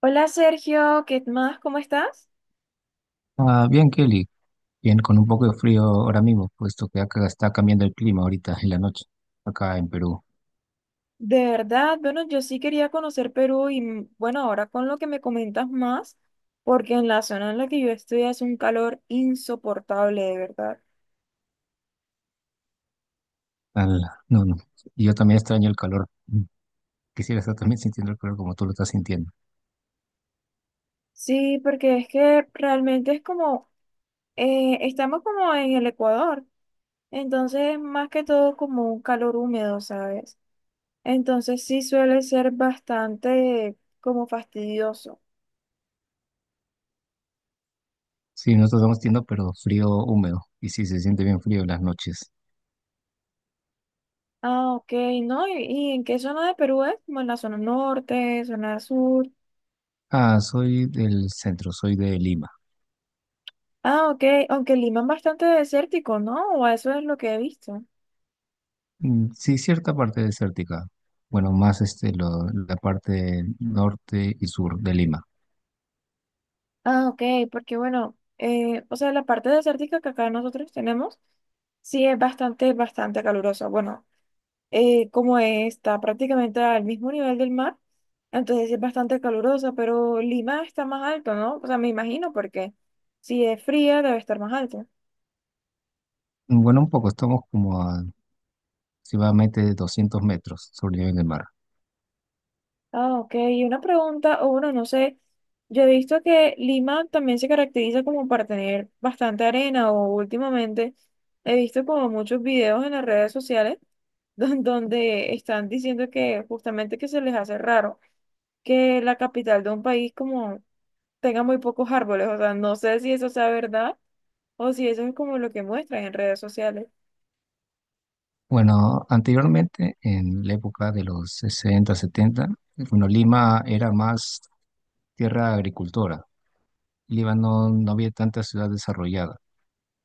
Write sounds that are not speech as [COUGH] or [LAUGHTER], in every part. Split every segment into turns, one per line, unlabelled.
Hola Sergio, ¿qué más? ¿Cómo estás?
Bien, Kelly, bien, con un poco de frío ahora mismo, puesto que acá está cambiando el clima ahorita en la noche, acá en Perú.
De verdad, bueno, yo sí quería conocer Perú y bueno, ahora con lo que me comentas más, porque en la zona en la que yo estoy hace un calor insoportable, de verdad.
Al- no, no, y yo también extraño el calor. Quisiera estar también sintiendo el calor como tú lo estás sintiendo.
Sí, porque es que realmente es como, estamos como en el Ecuador, entonces más que todo como un calor húmedo, ¿sabes? Entonces sí suele ser bastante como fastidioso.
Sí, nosotros estamos sintiendo, pero frío húmedo, y sí, se siente bien frío en las noches.
Ah, ok, ¿no? ¿Y en qué zona de Perú es? Como en la zona norte, zona sur.
Ah, soy del centro, soy de Lima.
Ah, ok, aunque Lima es bastante desértico, ¿no? O eso es lo que he visto.
Mm, sí, cierta parte desértica. Bueno, más este, la parte norte y sur de Lima.
Ah, ok, porque bueno, o sea, la parte desértica que acá nosotros tenemos, sí es bastante, bastante calurosa. Bueno, como está prácticamente al mismo nivel del mar, entonces sí es bastante calurosa, pero Lima está más alto, ¿no? O sea, me imagino porque si es fría debe estar más alto.
Mm, bueno, un poco, estamos como a aproximadamente 200 metros sobre el nivel del mar.
Ah, ok. Y una pregunta, o bueno, no sé, yo he visto que Lima también se caracteriza como para tener bastante arena o últimamente he visto como muchos videos en las redes sociales [LAUGHS] donde están diciendo que justamente que se les hace raro que la capital de un país como tenga muy pocos árboles. O sea, no sé si eso sea verdad o si eso es como lo que muestran en redes sociales.
Bueno, anteriormente, en la época de los 60, 70, bueno, Lima era más tierra agricultora. Lima no, No había tanta ciudad desarrollada,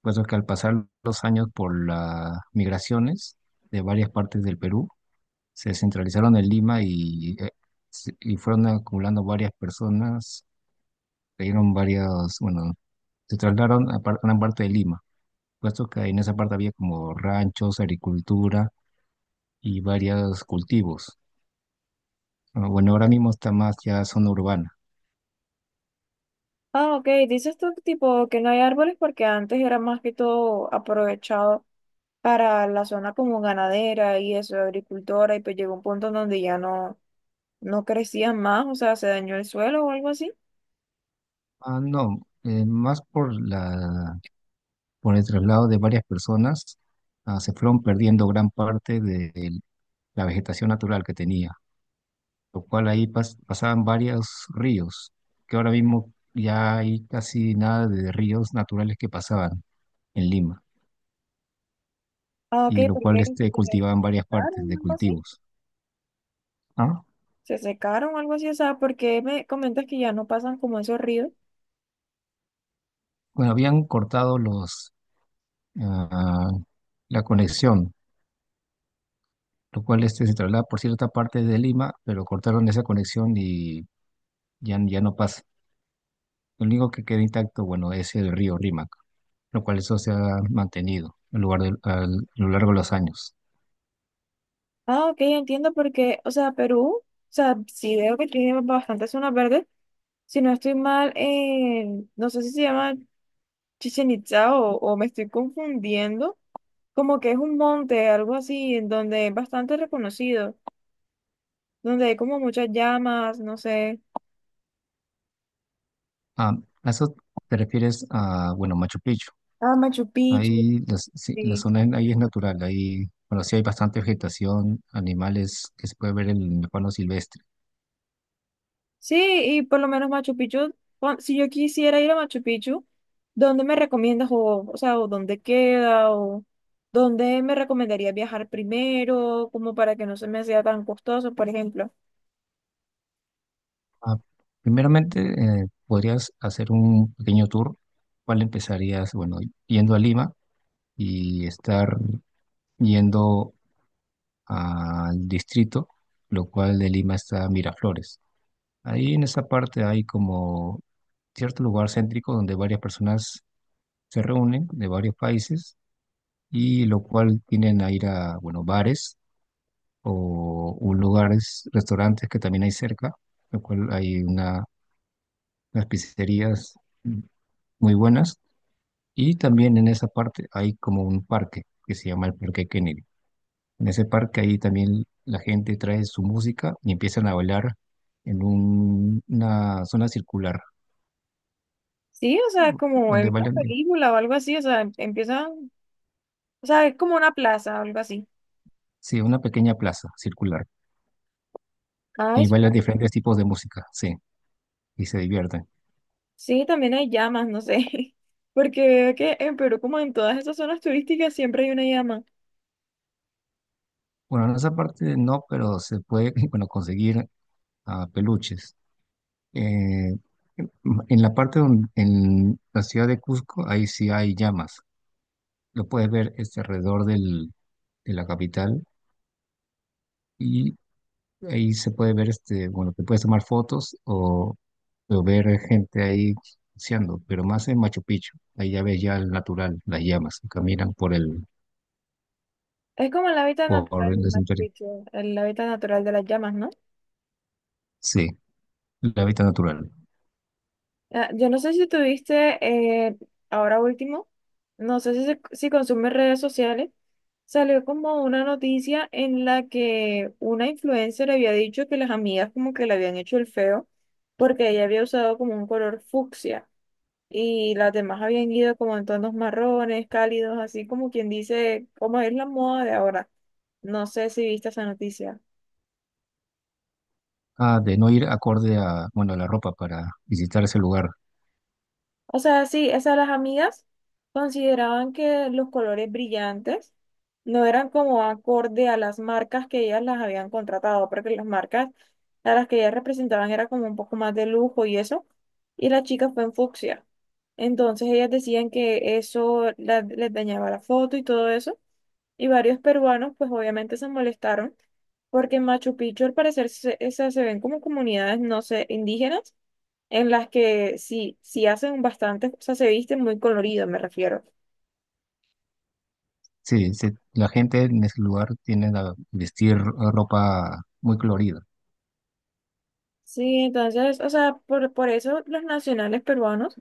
puesto que al pasar los años por las migraciones de varias partes del Perú, se centralizaron en Lima y, y fueron acumulando varias personas, cayeron varios, bueno, se trasladaron a gran parte de Lima, puesto que en esa parte había como ranchos, agricultura y varios cultivos. Bueno, ahora mismo está más ya zona urbana.
Ah, ok. Dices tú tipo que no hay árboles porque antes era más que todo aprovechado para la zona como ganadera y eso, agricultora, y pues llegó un punto en donde ya no, no crecían más, o sea, se dañó el suelo o algo así.
No, más por por el traslado de varias personas, se fueron perdiendo gran parte de la vegetación natural que tenía, lo cual ahí pasaban varios ríos, que ahora mismo ya hay casi nada de ríos naturales que pasaban en Lima,
Ah, ok,
y lo
porque
cual este,
se
cultivaban varias partes
secaron,
de
algo así.
cultivos. Ah,
Se secaron, algo así, o sea, porque me comentas que ya no pasan como esos ríos.
Bueno, habían cortado ah, la conexión lo cual este se traslada por cierta parte de Lima, pero cortaron esa conexión y ya no pasa. Lo único que queda intacto, bueno, es el río Rímac, lo cual eso se ha mantenido a lo largo de los años.
Ah, ok, entiendo porque, o sea, Perú, o sea, sí veo que tiene bastantes zonas verdes. Si no estoy mal, no sé si se llama Chichen Itza o me estoy confundiendo, como que es un monte, algo así, en donde es bastante reconocido, donde hay como muchas llamas, no sé,
Ah, a eso te refieres a, bueno, Machu Picchu.
ah, Machu Picchu,
Sí, la
sí.
zona ahí es natural, ahí, bueno, sí hay bastante vegetación, animales que se puede ver en el pano silvestre.
Sí, y por lo menos Machu Picchu, si yo quisiera ir a Machu Picchu, ¿dónde me recomiendas o sea, o dónde queda o dónde me recomendaría viajar primero, como para que no se me sea tan costoso, por ejemplo?
Ah, Primeramente, podrías hacer un pequeño tour. ¿Cuál empezarías? Bueno, yendo a Lima y estar yendo al distrito, lo cual de Lima está Miraflores. Ahí en esa parte hay como cierto lugar céntrico donde varias personas se reúnen de varios países y lo cual tienen a ir a, bueno, bares o un lugares, restaurantes que también hay cerca, lo cual hay unas pizzerías muy buenas. Y también en esa parte hay como un parque que se llama el Parque Kennedy. En ese parque ahí también la gente trae su música y empiezan a bailar en una zona circular,
Sí, o sea, como en
donde
una
bailan,
película o algo así, o sea, empieza, o sea, es como una plaza o algo así.
sí, una pequeña plaza circular.
Ah,
Y
es
bailan
una-
diferentes tipos de música, sí, y se divierten.
Sí, también hay llamas, no sé. [LAUGHS] Porque veo que en Perú, como en todas esas zonas turísticas, siempre hay una llama.
Bueno, en esa parte no, pero se puede, [LAUGHS] bueno, conseguir peluches. Eh, en la parte donde, en la ciudad de Cusco, ahí sí hay llamas. Lo puedes ver este, alrededor del, de la capital y ahí se puede ver, este, bueno, te puedes tomar fotos o ver gente ahí buceando, pero más en Machu Picchu. Ahí ya ves ya el natural, las llamas que caminan
Es como el hábitat
por
natural de
el
Machu
santuario.
Picchu, el hábitat natural de las llamas, ¿no?
Sí, el hábitat natural.
Ah, yo no sé si tuviste eh, ahora último, no sé si, si consumes redes sociales, salió como una noticia en la que una influencer había dicho que las amigas como que le habían hecho el feo porque ella había usado como un color fucsia y las demás habían ido como en tonos marrones, cálidos, así como quien dice, como es la moda de ahora. No sé si viste esa noticia.
Ah, de no ir acorde a, bueno, a la ropa para visitar ese lugar.
O sea, sí, esas las amigas consideraban que los colores brillantes no eran como acorde a las marcas que ellas las habían contratado, porque las marcas a las que ellas representaban era como un poco más de lujo y eso, y la chica fue en fucsia. Entonces ellas decían que eso les dañaba la foto y todo eso, y varios peruanos pues obviamente se molestaron, porque en Machu Picchu al parecer se ven como comunidades, no sé, indígenas en las que sí, sí hacen bastante, o sea, se visten muy colorido, me refiero.
Sí, sí, la gente en ese lugar tiene a vestir ropa muy colorida.
Sí, entonces, o sea, por eso los nacionales peruanos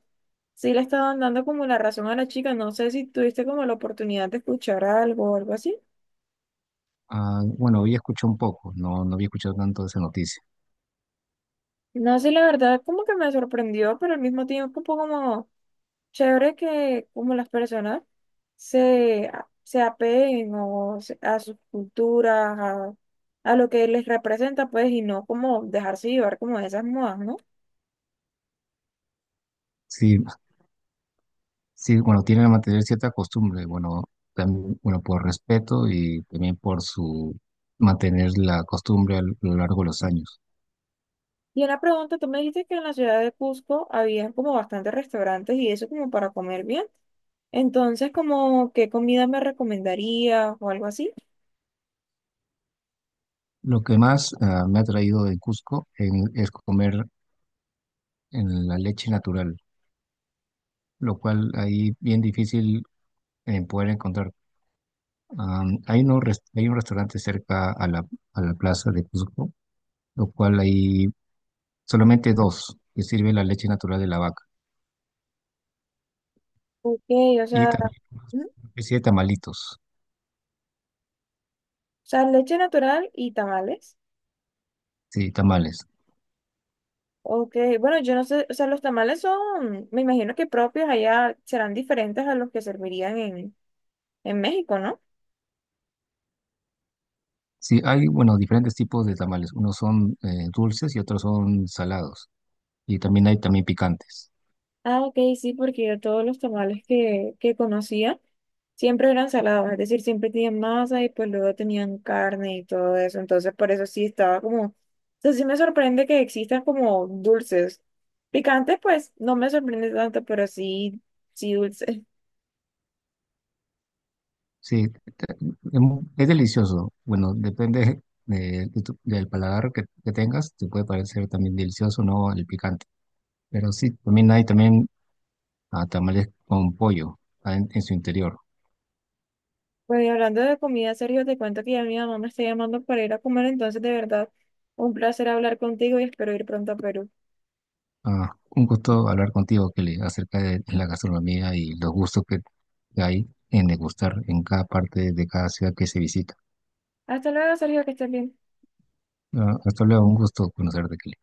sí le estaban dando como la razón a la chica. No sé si tuviste como la oportunidad de escuchar algo o algo así.
Ah, bueno, había escuchado un poco, no, no había escuchado tanto de esa noticia.
No sé, la verdad, como que me sorprendió, pero al mismo tiempo un poco como chévere que como las personas se apeguen a sus culturas, a lo que les representa, pues, y no como dejarse llevar como de esas modas, ¿no?
Sí, sí, bueno, tienen que mantener cierta costumbre, bueno, también, bueno, por respeto y también por su mantener la costumbre a lo largo de los años.
Y una pregunta, tú me dijiste que en la ciudad de Cusco había como bastantes restaurantes y eso como para comer bien. Entonces, como qué comida me recomendarías o algo así.
Lo que más me ha traído de Cusco es comer en la leche natural, lo cual ahí bien difícil poder encontrar. Hay un restaurante cerca a a la plaza de Cusco, lo cual hay solamente dos que sirven la leche natural de la vaca
Ok, o
y
sea,
también
ujú, o
una especie de tamalitos,
sea, leche natural y tamales.
sí, tamales.
Ok, bueno, yo no sé, o sea, los tamales son, me imagino que propios allá serán diferentes a los que servirían en México, ¿no?
Sí, hay, bueno, diferentes tipos de tamales. Unos son dulces y otros son salados. Y también hay también picantes.
Ah, ok, sí, porque yo todos los tamales que conocía siempre eran salados, es decir, siempre tenían masa y pues luego tenían carne y todo eso, entonces por eso sí estaba como, o sea, sí me sorprende que existan como dulces. Picantes, pues no me sorprende tanto, pero sí, sí dulces. [LAUGHS]
Sí, te- es delicioso. Bueno, depende de del paladar que tengas. Te puede parecer también delicioso o no el picante. Pero sí, también hay también tamales con pollo en su interior.
Pues y hablando de comida, Sergio te cuento que ya mi mamá me está llamando para ir a comer, entonces de verdad, un placer hablar contigo y espero ir pronto a Perú.
Ah, un gusto hablar contigo, Kelly, acerca de la gastronomía y los gustos que hay en degustar en cada parte de cada ciudad que se visita.
Hasta luego, Sergio, que estés bien.
Ah, hasta luego, un gusto conocerte, Kelly.